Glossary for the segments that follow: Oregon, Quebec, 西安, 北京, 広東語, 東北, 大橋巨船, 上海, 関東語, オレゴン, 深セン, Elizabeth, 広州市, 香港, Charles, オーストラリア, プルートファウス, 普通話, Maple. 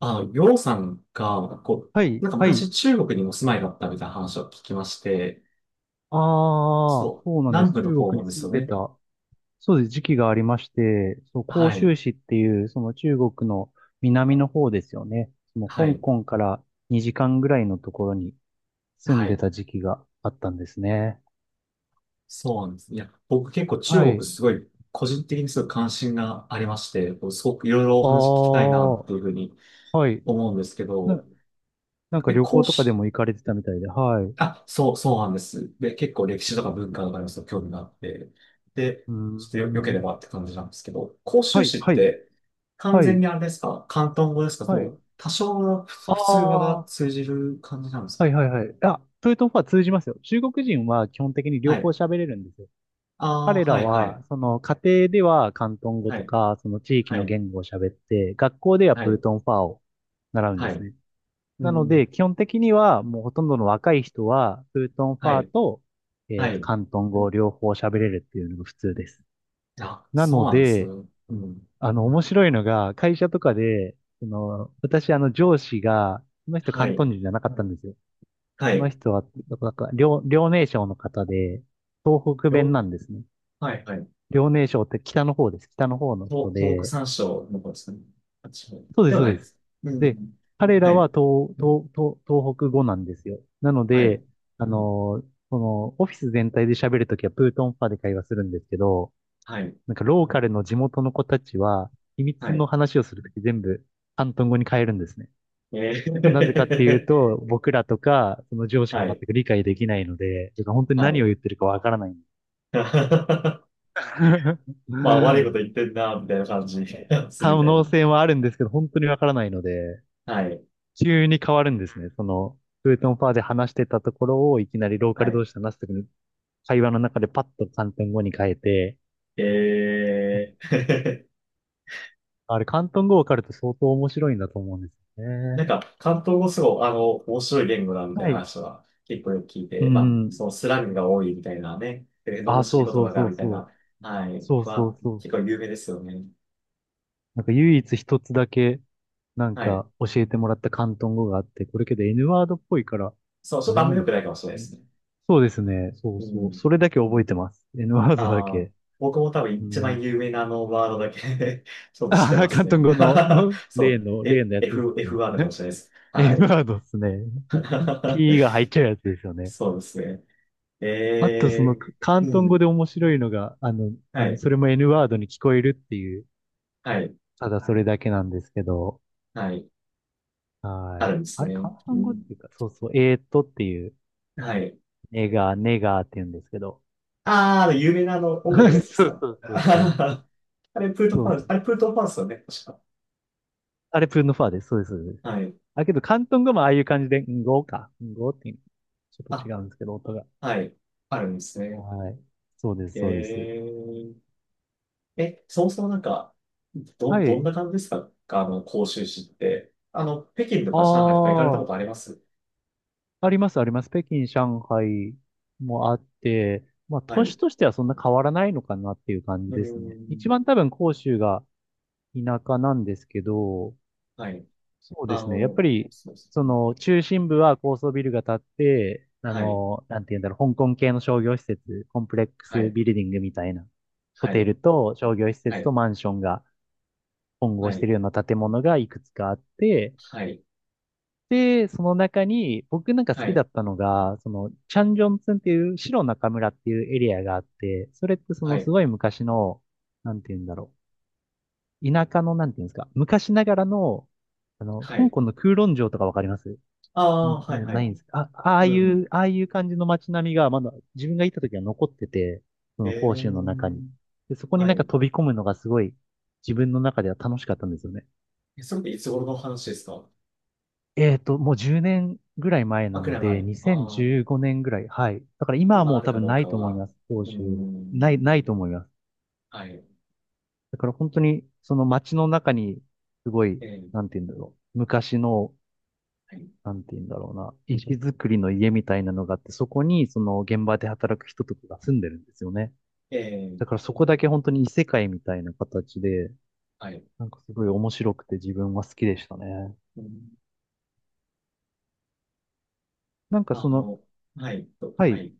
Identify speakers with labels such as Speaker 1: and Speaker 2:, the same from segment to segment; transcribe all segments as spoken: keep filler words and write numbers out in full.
Speaker 1: あ、ようさんが、こ
Speaker 2: は
Speaker 1: う、
Speaker 2: い、
Speaker 1: なんか
Speaker 2: はい。
Speaker 1: 昔中国にお住まいだったみたいな話を聞きまして、
Speaker 2: ああ、
Speaker 1: そう、
Speaker 2: そうなんで
Speaker 1: 南
Speaker 2: す。
Speaker 1: 部の
Speaker 2: 中
Speaker 1: 方
Speaker 2: 国
Speaker 1: なん
Speaker 2: に
Speaker 1: です
Speaker 2: 住ん
Speaker 1: よ
Speaker 2: で
Speaker 1: ね。
Speaker 2: た、そうです、時期がありまして、そう、
Speaker 1: は
Speaker 2: 広
Speaker 1: い、
Speaker 2: 州市っていう、その中国の南の方ですよね。その
Speaker 1: は
Speaker 2: 香
Speaker 1: い、
Speaker 2: 港からにじかんぐらいのところに住ん
Speaker 1: は
Speaker 2: で
Speaker 1: い、
Speaker 2: た時期があったんですね。
Speaker 1: そうなんです。いや、僕結構中
Speaker 2: は
Speaker 1: 国
Speaker 2: い。
Speaker 1: すごい、個人的にすごい関心がありまして、こうすごくいろいろお
Speaker 2: あ
Speaker 1: 話聞きたいな
Speaker 2: あ、
Speaker 1: っていうふうに
Speaker 2: はい。
Speaker 1: 思うんですけ
Speaker 2: な、
Speaker 1: ど、
Speaker 2: なんか
Speaker 1: え、
Speaker 2: 旅行
Speaker 1: 講
Speaker 2: とかで
Speaker 1: 師、
Speaker 2: も行かれてたみたいで、はい。う
Speaker 1: あ、そう、そうなんです。で、結構歴史とか文化とかにもすごい興味があって、で、
Speaker 2: ー
Speaker 1: ちょっとよ、良ければっ
Speaker 2: ん。
Speaker 1: て感じなんですけど、広
Speaker 2: は
Speaker 1: 州
Speaker 2: い、
Speaker 1: 市っ
Speaker 2: はい、
Speaker 1: て完
Speaker 2: は
Speaker 1: 全
Speaker 2: い、
Speaker 1: にあれですか？広東語ですか？
Speaker 2: は
Speaker 1: も
Speaker 2: い。
Speaker 1: う多少の普
Speaker 2: あ
Speaker 1: 普通話が
Speaker 2: あ、
Speaker 1: 通じる感じなんです
Speaker 2: は
Speaker 1: か？
Speaker 2: いはいはい。あ、それとは通じますよ。中国人は基本的に
Speaker 1: は
Speaker 2: 両方
Speaker 1: い。
Speaker 2: 喋れるんですよ。
Speaker 1: ああ、
Speaker 2: 彼ら
Speaker 1: はい、は
Speaker 2: は、
Speaker 1: い、
Speaker 2: その家庭では広東語
Speaker 1: は
Speaker 2: と
Speaker 1: い、
Speaker 2: か、その地域
Speaker 1: は
Speaker 2: の
Speaker 1: い、
Speaker 2: 言語を喋って、学校では
Speaker 1: は
Speaker 2: プー
Speaker 1: い、
Speaker 2: トンファーを習うんで
Speaker 1: は
Speaker 2: す
Speaker 1: い、
Speaker 2: ね。
Speaker 1: う
Speaker 2: なの
Speaker 1: ん、
Speaker 2: で、基本的にはもうほとんどの若い人は、プートンフ
Speaker 1: は
Speaker 2: ァー
Speaker 1: い、
Speaker 2: と、え
Speaker 1: は
Speaker 2: っと、
Speaker 1: い。
Speaker 2: 広東語を両方喋れるっていうのが普通です。
Speaker 1: あ、
Speaker 2: な
Speaker 1: そう
Speaker 2: の
Speaker 1: なんです
Speaker 2: で、
Speaker 1: ね。うん。
Speaker 2: あの、面白いのが、会社とかで、その、私、あの、上司が、その人
Speaker 1: は
Speaker 2: 広
Speaker 1: い、
Speaker 2: 東人じゃなかったんですよ。
Speaker 1: は
Speaker 2: その
Speaker 1: い。
Speaker 2: 人は、なんか、遼、遼寧省の方で、東北弁
Speaker 1: よ、
Speaker 2: なんですね。
Speaker 1: はい、はい。
Speaker 2: 遼寧省って北の方です。北の方の人
Speaker 1: 東東北
Speaker 2: で、
Speaker 1: 山椒の方ですかね？あ、違う。
Speaker 2: そうで
Speaker 1: で
Speaker 2: す、
Speaker 1: は
Speaker 2: そ
Speaker 1: な
Speaker 2: う
Speaker 1: い
Speaker 2: で
Speaker 1: で
Speaker 2: す。
Speaker 1: す。う
Speaker 2: で、
Speaker 1: ん。
Speaker 2: 彼
Speaker 1: は
Speaker 2: らは
Speaker 1: い。
Speaker 2: 東、東、東、東北語なんですよ。なの
Speaker 1: はい。
Speaker 2: で、あのーその、オフィス全体で喋るときはプートンファで会話するんですけど、
Speaker 1: はい。
Speaker 2: なんかローカルの地元の子たちは、秘
Speaker 1: は
Speaker 2: 密の
Speaker 1: い。
Speaker 2: 話をするとき全部、広東語に変えるんですね。
Speaker 1: え
Speaker 2: なぜかっていう
Speaker 1: ー
Speaker 2: と、僕らとか、その上 司が
Speaker 1: は
Speaker 2: 全
Speaker 1: い。
Speaker 2: く理解できないので、てか本当に
Speaker 1: は
Speaker 2: 何を
Speaker 1: い。
Speaker 2: 言ってるかわからない。
Speaker 1: まあ、悪いこと 言ってんな、みたいな感じ するみ
Speaker 2: 可
Speaker 1: たい
Speaker 2: 能
Speaker 1: な。
Speaker 2: 性はあるんですけど、本当にわからないので、
Speaker 1: はい。
Speaker 2: 急に変わるんですね。その、フートンファーで話してたところを、いきなりローカ
Speaker 1: は
Speaker 2: ル
Speaker 1: い。
Speaker 2: 同士で話すときに、会話の中でパッと広東語に変えて、
Speaker 1: えー
Speaker 2: あれ、広東語わかると相当面白いんだと思うんですよ
Speaker 1: な
Speaker 2: ね。
Speaker 1: んか、関東語すごい、あの、面白い言語だ、みたい
Speaker 2: は
Speaker 1: な
Speaker 2: い。
Speaker 1: 話は結構よく聞い
Speaker 2: う
Speaker 1: て、まあ、
Speaker 2: ん。
Speaker 1: そのスラングが多いみたいなね、えー
Speaker 2: あ、
Speaker 1: 罵
Speaker 2: そ
Speaker 1: り
Speaker 2: う
Speaker 1: 言
Speaker 2: そう
Speaker 1: 葉が、
Speaker 2: そう
Speaker 1: みたい
Speaker 2: そ
Speaker 1: な、
Speaker 2: う。
Speaker 1: はい。
Speaker 2: そうそ
Speaker 1: ま
Speaker 2: う
Speaker 1: あ、
Speaker 2: そう、
Speaker 1: 結構有名ですよね。
Speaker 2: なんか唯一一つだけ、なん
Speaker 1: はい。
Speaker 2: か教えてもらった広東語があって、これけど N ワードっぽいから、
Speaker 1: そう、ちょ
Speaker 2: あ
Speaker 1: っと
Speaker 2: れ
Speaker 1: あん
Speaker 2: な
Speaker 1: ま良
Speaker 2: の
Speaker 1: く
Speaker 2: か
Speaker 1: ないかもしれないで
Speaker 2: な。
Speaker 1: すね。
Speaker 2: そうですね。そう
Speaker 1: う
Speaker 2: そう。
Speaker 1: ん。
Speaker 2: それだけ覚えてます。N ワードだ
Speaker 1: ああ、
Speaker 2: け。
Speaker 1: 僕も多分
Speaker 2: う
Speaker 1: 一番
Speaker 2: ん。
Speaker 1: 有名なあのワードだけ ちょっと知っ
Speaker 2: あ、
Speaker 1: てま
Speaker 2: 広
Speaker 1: す
Speaker 2: 東
Speaker 1: ね。
Speaker 2: 語の、うん、
Speaker 1: そ
Speaker 2: 例
Speaker 1: う、
Speaker 2: の、例
Speaker 1: え
Speaker 2: のやつです
Speaker 1: F、F ワードかも
Speaker 2: ね。
Speaker 1: しれないです。
Speaker 2: え N
Speaker 1: は
Speaker 2: ワ
Speaker 1: い。
Speaker 2: ードですね。ピー が入っちゃうやつですよね。
Speaker 1: そうですね。
Speaker 2: あと、その、
Speaker 1: え
Speaker 2: 広
Speaker 1: ー、
Speaker 2: 東
Speaker 1: う
Speaker 2: 語で
Speaker 1: ん。
Speaker 2: 面白いのが、あの、
Speaker 1: は
Speaker 2: あの、
Speaker 1: い、
Speaker 2: それも N ワードに聞こえるっていう、
Speaker 1: はい、
Speaker 2: ただそれだけなんですけど、
Speaker 1: はい。
Speaker 2: は
Speaker 1: あ
Speaker 2: い。
Speaker 1: るんで
Speaker 2: あ
Speaker 1: す
Speaker 2: れ、
Speaker 1: ね。
Speaker 2: 広
Speaker 1: う
Speaker 2: 東語っ
Speaker 1: ん、
Speaker 2: ていうか、そうそう、えーっとっていう、
Speaker 1: はい。
Speaker 2: ネガー、ネガーって言うんですけど。
Speaker 1: あー、あの有名なあの音楽のや つです
Speaker 2: そう
Speaker 1: か？
Speaker 2: そうそうそう。
Speaker 1: あれ、プルートフ
Speaker 2: そう
Speaker 1: ァン
Speaker 2: そ
Speaker 1: ス、
Speaker 2: う、
Speaker 1: あれ、プルートファウスよね、確か。
Speaker 2: あれ、プンノファーです。そうです。そうです。
Speaker 1: はい。
Speaker 2: あ、けど、広東語もああいう感じで、んごか。んごっていう、ちょっと
Speaker 1: あ、
Speaker 2: 違うんですけど、音が。
Speaker 1: はい。あるんですね。
Speaker 2: はい。そうです、
Speaker 1: え
Speaker 2: そうです。
Speaker 1: ーえ、そもそもなんか、ど、
Speaker 2: は
Speaker 1: どん
Speaker 2: い。
Speaker 1: な感じですか？あの、広州市って。あの、北京と
Speaker 2: あ
Speaker 1: か上海とか行かれたこ
Speaker 2: あ、
Speaker 1: とあります？
Speaker 2: あります、あります。北京、上海もあって、まあ、
Speaker 1: は
Speaker 2: 都
Speaker 1: い。う
Speaker 2: 市としてはそんな変わらないのかなっていう感じ
Speaker 1: ー
Speaker 2: ですね。一
Speaker 1: ん。
Speaker 2: 番多分、広州が田舎なんですけど、
Speaker 1: はい。
Speaker 2: そうで
Speaker 1: あ
Speaker 2: すね。やっ
Speaker 1: の、
Speaker 2: ぱり、
Speaker 1: そうです
Speaker 2: そ
Speaker 1: ね。
Speaker 2: の、中心部は高層ビルが建って、あ
Speaker 1: はい。
Speaker 2: の、なんて言うんだろう、香港系の商業施設、コンプレック
Speaker 1: は
Speaker 2: ス
Speaker 1: い。
Speaker 2: ビルディングみたいな、ホ
Speaker 1: は
Speaker 2: テ
Speaker 1: い。
Speaker 2: ルと商業施
Speaker 1: は
Speaker 2: 設と
Speaker 1: い。
Speaker 2: マンションが混合
Speaker 1: は
Speaker 2: して
Speaker 1: い。
Speaker 2: るような建物がいくつかあって、
Speaker 1: はい。
Speaker 2: で、その中に、僕なんか好
Speaker 1: は
Speaker 2: きだ
Speaker 1: い。
Speaker 2: ったのが、その、チャンジョンツンっていう、白中村っていうエリアがあって、それってそ
Speaker 1: は
Speaker 2: のす
Speaker 1: い。
Speaker 2: ごい昔の、なんて言うんだろう、田舎の、なんて言うんですか、昔ながらの、あの、
Speaker 1: は
Speaker 2: 香
Speaker 1: い。
Speaker 2: 港の空論城とかわかります？
Speaker 1: ああ、はい。
Speaker 2: もう
Speaker 1: は
Speaker 2: ない
Speaker 1: い。
Speaker 2: んです。あ、ああ
Speaker 1: う
Speaker 2: い
Speaker 1: ん。
Speaker 2: う、ああいう感じの街並みがまだ自分が行った時は残ってて、そ
Speaker 1: え
Speaker 2: の甲
Speaker 1: え、
Speaker 2: 州の中に。で、そこに
Speaker 1: は
Speaker 2: なんか
Speaker 1: い。
Speaker 2: 飛び込むのがすごい自分の中では楽しかったんですよね。
Speaker 1: えそれっていつ頃の話ですか？
Speaker 2: えっと、もうじゅうねんぐらい前な
Speaker 1: あ、く
Speaker 2: の
Speaker 1: らい前。
Speaker 2: で、
Speaker 1: ああ、
Speaker 2: にせんじゅうごねんぐらい。はい。だから今は
Speaker 1: 今
Speaker 2: も
Speaker 1: あ
Speaker 2: う
Speaker 1: る
Speaker 2: 多
Speaker 1: か
Speaker 2: 分
Speaker 1: どう
Speaker 2: な
Speaker 1: か
Speaker 2: いと思い
Speaker 1: は。
Speaker 2: ます。甲
Speaker 1: うー
Speaker 2: 州。な
Speaker 1: ん。
Speaker 2: い、ないと思います。
Speaker 1: はい。
Speaker 2: だから本当にその街の中にすごい、
Speaker 1: ええ、
Speaker 2: なんて言うんだろう。昔の
Speaker 1: はい。
Speaker 2: なんて言うんだろうな、石造りの家みたいなのがあって、そこにその現場で働く人とかが住んでるんですよね。
Speaker 1: ええ、
Speaker 2: だからそこだけ本当に異世界みたいな形で、
Speaker 1: はい。
Speaker 2: なんかすごい面白くて自分は好きでしたね。
Speaker 1: うん、
Speaker 2: なんかそ
Speaker 1: あ
Speaker 2: の、
Speaker 1: の、はい、と、
Speaker 2: は
Speaker 1: は
Speaker 2: い、
Speaker 1: い。い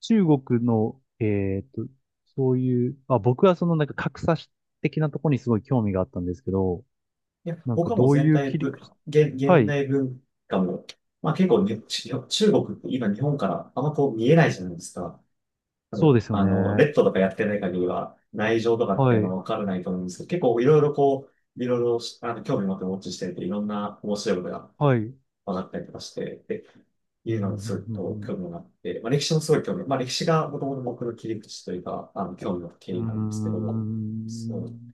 Speaker 2: 中国の、えっと、そういう、あ、僕はそのなんか格差的なところにすごい興味があったんですけど、
Speaker 1: や、
Speaker 2: なんか
Speaker 1: 他もう
Speaker 2: どう
Speaker 1: 全
Speaker 2: いう
Speaker 1: 体
Speaker 2: 切り
Speaker 1: ぶ、
Speaker 2: 口、
Speaker 1: 現、
Speaker 2: は
Speaker 1: 現
Speaker 2: い、
Speaker 1: 代文化も、まあ結構ね、ち中国って今日本からあんまこう見えないじゃないですか。多
Speaker 2: そうで
Speaker 1: 分、
Speaker 2: すよ
Speaker 1: あの、
Speaker 2: ね。
Speaker 1: レッドとかやってない限りは、内情とかっ
Speaker 2: は
Speaker 1: てあんま
Speaker 2: い、
Speaker 1: わからないと思うんですけど、結構いろいろこう、いろいろしあの興味持ってウォッチしてると、いろんな面白いことが
Speaker 2: はい、うん、
Speaker 1: 分かったりとかして、で、
Speaker 2: う
Speaker 1: いうの
Speaker 2: ん、
Speaker 1: がすごい
Speaker 2: う
Speaker 1: と
Speaker 2: ん、
Speaker 1: 興味があって、まあ歴史もすごい興味、まあ歴史がもともと僕の切り口というか、あの、興味の経
Speaker 2: う
Speaker 1: 緯なんですけ
Speaker 2: ん。
Speaker 1: ど、
Speaker 2: う
Speaker 1: そ
Speaker 2: ー
Speaker 1: う
Speaker 2: ん。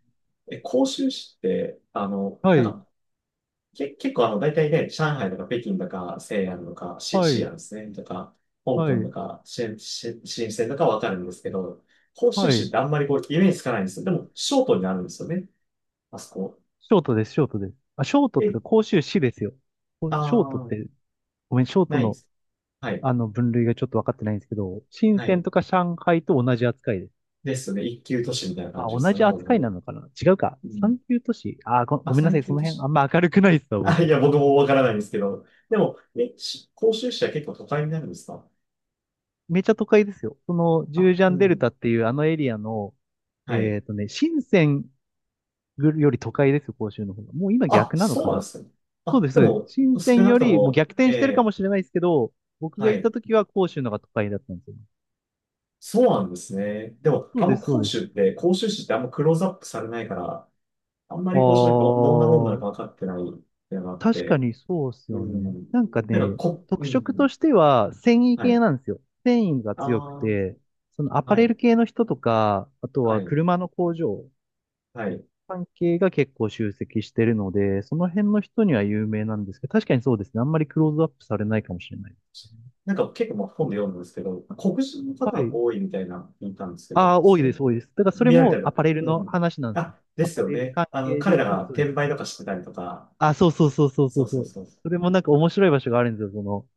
Speaker 1: え、広州市って、あの、
Speaker 2: は
Speaker 1: なん
Speaker 2: い。
Speaker 1: か、け、結構あの、大体ね、上海とか北京とか、西安とか、シ、
Speaker 2: は
Speaker 1: 西
Speaker 2: い、
Speaker 1: 安ですね、とか、香
Speaker 2: は
Speaker 1: 港と
Speaker 2: い、
Speaker 1: か、し、し、深センとかわかるんですけど、広州
Speaker 2: は
Speaker 1: 市っ
Speaker 2: い。
Speaker 1: てあんまりこう、イメージつかないんですよ。でも、ショートになるんですよね、あそこ。
Speaker 2: ショートです、ショートです。あ、ショートって
Speaker 1: え、
Speaker 2: か、甲州市ですよ。こ
Speaker 1: あ
Speaker 2: ショートっ
Speaker 1: ー、
Speaker 2: て、ごめん、ショート
Speaker 1: ないで
Speaker 2: の、
Speaker 1: す。はい、
Speaker 2: あの、分類がちょっと分かってないんですけど、深
Speaker 1: は
Speaker 2: 圳
Speaker 1: い。
Speaker 2: とか上海と同じ扱いです。
Speaker 1: ですね、一級都市みたいな感
Speaker 2: あ、
Speaker 1: じです
Speaker 2: 同
Speaker 1: よ
Speaker 2: じ
Speaker 1: ね、ほぼほ
Speaker 2: 扱いな
Speaker 1: ぼ。
Speaker 2: のかな、違うか。
Speaker 1: うん。
Speaker 2: 三級都市。あ、ご、
Speaker 1: あ、
Speaker 2: ごめんなさ
Speaker 1: 三
Speaker 2: い、
Speaker 1: 級
Speaker 2: その
Speaker 1: 都
Speaker 2: 辺、あ
Speaker 1: 市。
Speaker 2: んま明るくないですわ、
Speaker 1: あ、い
Speaker 2: 僕。
Speaker 1: や、僕もわからないんですけど、でも、え、し広州市は結構都会になるんですか？
Speaker 2: めちゃ都会ですよ。その、ジュー
Speaker 1: あ、
Speaker 2: ジャ
Speaker 1: う
Speaker 2: ンデル
Speaker 1: ん。
Speaker 2: タっていうあのエリアの、
Speaker 1: はい。
Speaker 2: えっとね、深圳より都会ですよ、甲州の方が。もう今
Speaker 1: あ、
Speaker 2: 逆なの
Speaker 1: そう
Speaker 2: か
Speaker 1: なんで
Speaker 2: な。
Speaker 1: すね。
Speaker 2: そう
Speaker 1: あ、
Speaker 2: です、
Speaker 1: で
Speaker 2: そうです。
Speaker 1: も、
Speaker 2: 深セ
Speaker 1: 少
Speaker 2: ン
Speaker 1: な
Speaker 2: よ
Speaker 1: くと
Speaker 2: りもう
Speaker 1: も、
Speaker 2: 逆転してるか
Speaker 1: え
Speaker 2: もしれないですけど、僕
Speaker 1: ー、
Speaker 2: が
Speaker 1: は
Speaker 2: 行っ
Speaker 1: い。
Speaker 2: た時は広州のが都会だったんですよね。
Speaker 1: そうなんですね。でも、
Speaker 2: そう
Speaker 1: あん
Speaker 2: で
Speaker 1: ま
Speaker 2: す、そ
Speaker 1: 講
Speaker 2: うで
Speaker 1: 習っ
Speaker 2: す。
Speaker 1: て、講習誌ってあんまクローズアップされないから、あんま
Speaker 2: あ
Speaker 1: り講習誌ど、どんなもんなの
Speaker 2: ー、
Speaker 1: か分かってないっていうのがあっ
Speaker 2: 確か
Speaker 1: て、
Speaker 2: にそうです
Speaker 1: う
Speaker 2: よね。
Speaker 1: ん。
Speaker 2: なんか
Speaker 1: なんか、
Speaker 2: ね、
Speaker 1: こ、う
Speaker 2: 特色と
Speaker 1: ん。
Speaker 2: しては繊維
Speaker 1: は
Speaker 2: 系
Speaker 1: い。
Speaker 2: なんですよ。繊維が強く
Speaker 1: ああ、
Speaker 2: て、そのアパ
Speaker 1: は
Speaker 2: レ
Speaker 1: い、
Speaker 2: ル系の人とか、あと
Speaker 1: は
Speaker 2: は
Speaker 1: い、
Speaker 2: 車の工場
Speaker 1: はい。
Speaker 2: 関係が結構集積してるので、その辺の人には有名なんですけど、確かにそうですね。あんまりクローズアップされないかもしれない。
Speaker 1: なんか結構まあ本で読んだんですけど、黒人の方
Speaker 2: は
Speaker 1: が
Speaker 2: い。
Speaker 1: 多いみたいな聞いたんですけど、
Speaker 2: ああ、多いで
Speaker 1: え
Speaker 2: す、多いです。だからそれ
Speaker 1: 見られた
Speaker 2: も
Speaker 1: ら、
Speaker 2: アパレル
Speaker 1: う
Speaker 2: の
Speaker 1: ん。
Speaker 2: 話なんですよ。
Speaker 1: あ、で
Speaker 2: ア
Speaker 1: す
Speaker 2: パ
Speaker 1: よ
Speaker 2: レル
Speaker 1: ね。
Speaker 2: 関
Speaker 1: あの、
Speaker 2: 係
Speaker 1: 彼
Speaker 2: で、
Speaker 1: ら
Speaker 2: そう
Speaker 1: が
Speaker 2: です、そうで
Speaker 1: 転
Speaker 2: す。
Speaker 1: 売とかしてたりとか、
Speaker 2: あ、そうそうそうそうそ
Speaker 1: そ
Speaker 2: う
Speaker 1: う
Speaker 2: そ
Speaker 1: そう
Speaker 2: う。
Speaker 1: そう。
Speaker 2: それもなんか面白い場所があるんですよ。その、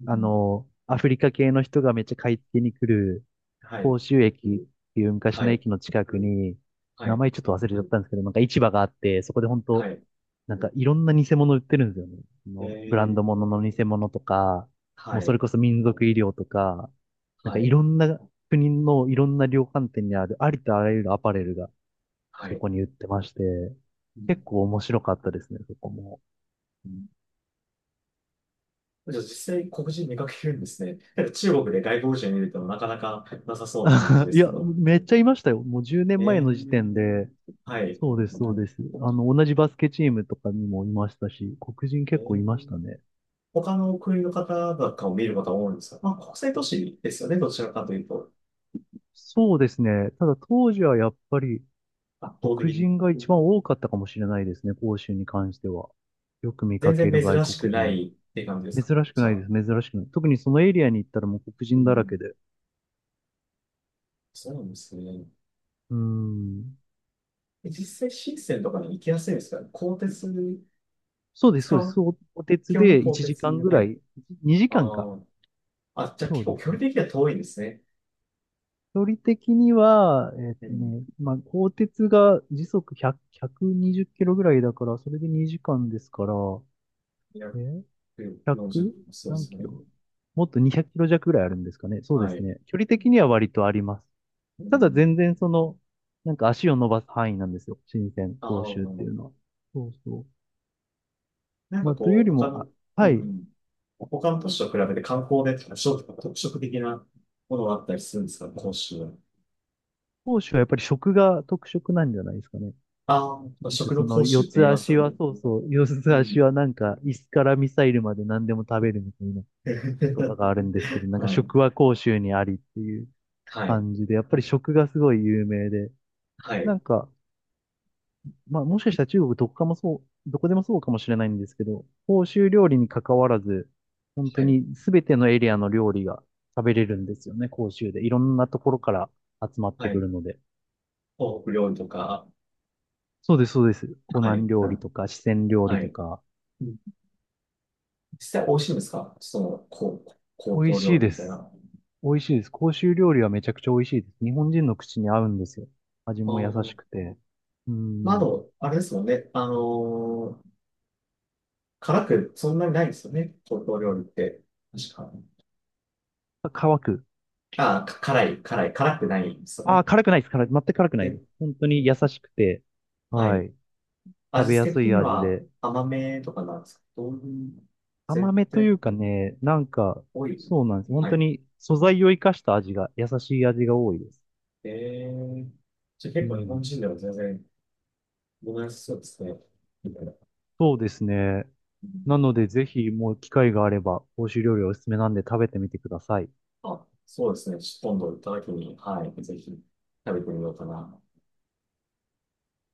Speaker 1: う
Speaker 2: あ
Speaker 1: ん。
Speaker 2: の、アフリカ系の人がめっちゃ買い付けに来る、
Speaker 1: はい。
Speaker 2: 甲州駅っていう昔
Speaker 1: は
Speaker 2: の
Speaker 1: い。
Speaker 2: 駅の近くに、
Speaker 1: は
Speaker 2: 名
Speaker 1: い。
Speaker 2: 前ちょっと忘れちゃったんですけど、なんか市場があって、そこで本
Speaker 1: は
Speaker 2: 当
Speaker 1: い。
Speaker 2: なんかいろんな偽物売ってるんですよね。そ
Speaker 1: え
Speaker 2: のブランド
Speaker 1: ー、
Speaker 2: 物の偽物とか、も
Speaker 1: は
Speaker 2: うそれ
Speaker 1: い。
Speaker 2: こそ民族医療とか、なんか
Speaker 1: は
Speaker 2: い
Speaker 1: い。
Speaker 2: ろんな国のいろんな量販店にあるありとあらゆるアパレルが
Speaker 1: は
Speaker 2: そ
Speaker 1: い。
Speaker 2: こに売ってまして、
Speaker 1: うん
Speaker 2: 結構面白かったですね、そこも。
Speaker 1: うん、じゃあ実際黒人見かけるんですね？なんか中国で外国人見るとなかなかなさそうな感じで
Speaker 2: い
Speaker 1: すけ
Speaker 2: や、
Speaker 1: ど。
Speaker 2: めっちゃいましたよ。もうじゅうねんまえ
Speaker 1: え
Speaker 2: の時
Speaker 1: ー、
Speaker 2: 点で、
Speaker 1: はい。
Speaker 2: そうです、そうです。あの、同じバスケチームとかにもいましたし、黒人
Speaker 1: え
Speaker 2: 結構いまし
Speaker 1: ー、
Speaker 2: たね。
Speaker 1: 他の国の方なんかを見る方多いんですか？まあ国際都市ですよね。どちらかというと。
Speaker 2: そうですね。ただ当時はやっぱり、
Speaker 1: 圧倒的
Speaker 2: 黒
Speaker 1: に。
Speaker 2: 人が一番多かったかもしれないですね、広州に関しては。よく見
Speaker 1: 全
Speaker 2: か
Speaker 1: 然
Speaker 2: ける外
Speaker 1: 珍しく
Speaker 2: 国
Speaker 1: な
Speaker 2: 人。
Speaker 1: いっていう感じですか？
Speaker 2: 珍しく
Speaker 1: じゃ
Speaker 2: ないで
Speaker 1: あ。
Speaker 2: す、珍しくない。特にそのエリアに行ったらもう黒
Speaker 1: う
Speaker 2: 人だら
Speaker 1: ん、
Speaker 2: けで。
Speaker 1: そうなんですね。
Speaker 2: うーん。
Speaker 1: 実際、深センとかに行きやすいですから、鋼鉄
Speaker 2: そうです、そ
Speaker 1: 使
Speaker 2: うです。
Speaker 1: う
Speaker 2: そお鉄
Speaker 1: 基本は
Speaker 2: で
Speaker 1: 東
Speaker 2: 1
Speaker 1: 鉄
Speaker 2: 時間
Speaker 1: に。
Speaker 2: ぐ
Speaker 1: は
Speaker 2: ら
Speaker 1: い。
Speaker 2: い、2
Speaker 1: あ
Speaker 2: 時間か。
Speaker 1: ーあ、じゃあ
Speaker 2: そ
Speaker 1: 結
Speaker 2: うで
Speaker 1: 構
Speaker 2: す
Speaker 1: 距
Speaker 2: ね。
Speaker 1: 離的には遠いんですね。
Speaker 2: 距離的には、えっ
Speaker 1: う
Speaker 2: と
Speaker 1: ん。
Speaker 2: ね、まあ、鋼鉄が時速ひゃく、ひゃくにじゅっキロぐらいだから、それでにじかんですから、えー、
Speaker 1: 240
Speaker 2: ひゃく？
Speaker 1: 分。そうで
Speaker 2: 何
Speaker 1: す
Speaker 2: キ
Speaker 1: ね。
Speaker 2: ロ、もっとにひゃくキロ弱ぐらいあるんですかね。そうで
Speaker 1: は
Speaker 2: す
Speaker 1: い。
Speaker 2: ね。距離的には割とあります。
Speaker 1: う
Speaker 2: ただ全
Speaker 1: ん。
Speaker 2: 然その、なんか足を伸ばす範囲なんですよ。新鮮、
Speaker 1: あ
Speaker 2: 甲州っていうのは。
Speaker 1: あ、
Speaker 2: そうそう。
Speaker 1: なんか
Speaker 2: まあ、という
Speaker 1: こ
Speaker 2: よ
Speaker 1: う、
Speaker 2: り
Speaker 1: 他
Speaker 2: も、あ、
Speaker 1: の、う
Speaker 2: はい。
Speaker 1: ん。他の都市と比べて観光でとか食特色的なものがあったりするんですか、講習は？
Speaker 2: 甲州はやっぱり食が特色なんじゃないですかね。
Speaker 1: ああ、
Speaker 2: なんか
Speaker 1: 食
Speaker 2: そ
Speaker 1: の
Speaker 2: の
Speaker 1: 講習
Speaker 2: 四
Speaker 1: って言い
Speaker 2: つ
Speaker 1: ます
Speaker 2: 足
Speaker 1: よ
Speaker 2: は、
Speaker 1: ね。
Speaker 2: そうそう、四
Speaker 1: う
Speaker 2: つ足
Speaker 1: ん。
Speaker 2: はなんか椅子からミサイルまで何でも食べるみたいな言葉 があるんですけど、なんか
Speaker 1: はい。
Speaker 2: 食は甲州にありっていう
Speaker 1: はい。
Speaker 2: 感じで、やっぱり食がすごい有名で、
Speaker 1: は
Speaker 2: な
Speaker 1: い。
Speaker 2: んか、まあ、もしかしたら中国どこかもそう、どこでもそうかもしれないんですけど、欧州料理に関わらず、本
Speaker 1: は
Speaker 2: 当
Speaker 1: い。
Speaker 2: にすべてのエリアの料理が食べれるんですよね、広州で。いろんなところから集まっ
Speaker 1: は
Speaker 2: てく
Speaker 1: い。
Speaker 2: るので。
Speaker 1: 東北料理とか、
Speaker 2: そうです、そうです。湖
Speaker 1: は
Speaker 2: 南
Speaker 1: い。
Speaker 2: 料理とか、四川料
Speaker 1: は
Speaker 2: 理と
Speaker 1: い。
Speaker 2: か。
Speaker 1: 実際美味しいんですか？その、こう、高
Speaker 2: 美味
Speaker 1: 等
Speaker 2: し
Speaker 1: 料
Speaker 2: い
Speaker 1: 理
Speaker 2: で
Speaker 1: みたい
Speaker 2: す。
Speaker 1: な。
Speaker 2: 美味しいです。広州料理はめちゃくちゃ美味しいです。日本人の口に合うんですよ。味
Speaker 1: あ
Speaker 2: も優
Speaker 1: ー、
Speaker 2: しくて。う
Speaker 1: まあ、あ
Speaker 2: ん。
Speaker 1: と、あれですもんね。あのー辛くそんなにないですよね。高等料理って。確か。
Speaker 2: 乾く。
Speaker 1: あー、か辛い、辛い、辛くないんですよ
Speaker 2: あ
Speaker 1: ね。
Speaker 2: あ、辛くないです。辛い。全く辛くない
Speaker 1: で、
Speaker 2: です。本当に優しくて、
Speaker 1: は
Speaker 2: は
Speaker 1: い。
Speaker 2: い。食
Speaker 1: 味
Speaker 2: べや
Speaker 1: 付け
Speaker 2: す
Speaker 1: 的
Speaker 2: い
Speaker 1: に
Speaker 2: 味
Speaker 1: は
Speaker 2: で。
Speaker 1: 甘めとかなんですけど、どういう
Speaker 2: 甘
Speaker 1: 絶
Speaker 2: めとい
Speaker 1: 対
Speaker 2: うかね、なんか、
Speaker 1: 多い。
Speaker 2: そうなんです。本
Speaker 1: は
Speaker 2: 当
Speaker 1: い。
Speaker 2: に素材を生かした味が、優しい味が多いです。
Speaker 1: えー、じゃあ
Speaker 2: う
Speaker 1: 結構日本
Speaker 2: ん。
Speaker 1: 人では全然、ごめんなさいそうですね。みたいな。
Speaker 2: そうですね。なので、ぜひ、もう機会があれば、欧州料理おすすめなんで食べてみてください。
Speaker 1: あ、そうですね。ちょっと今度行った時に、はい、ぜひ食べてみようかな。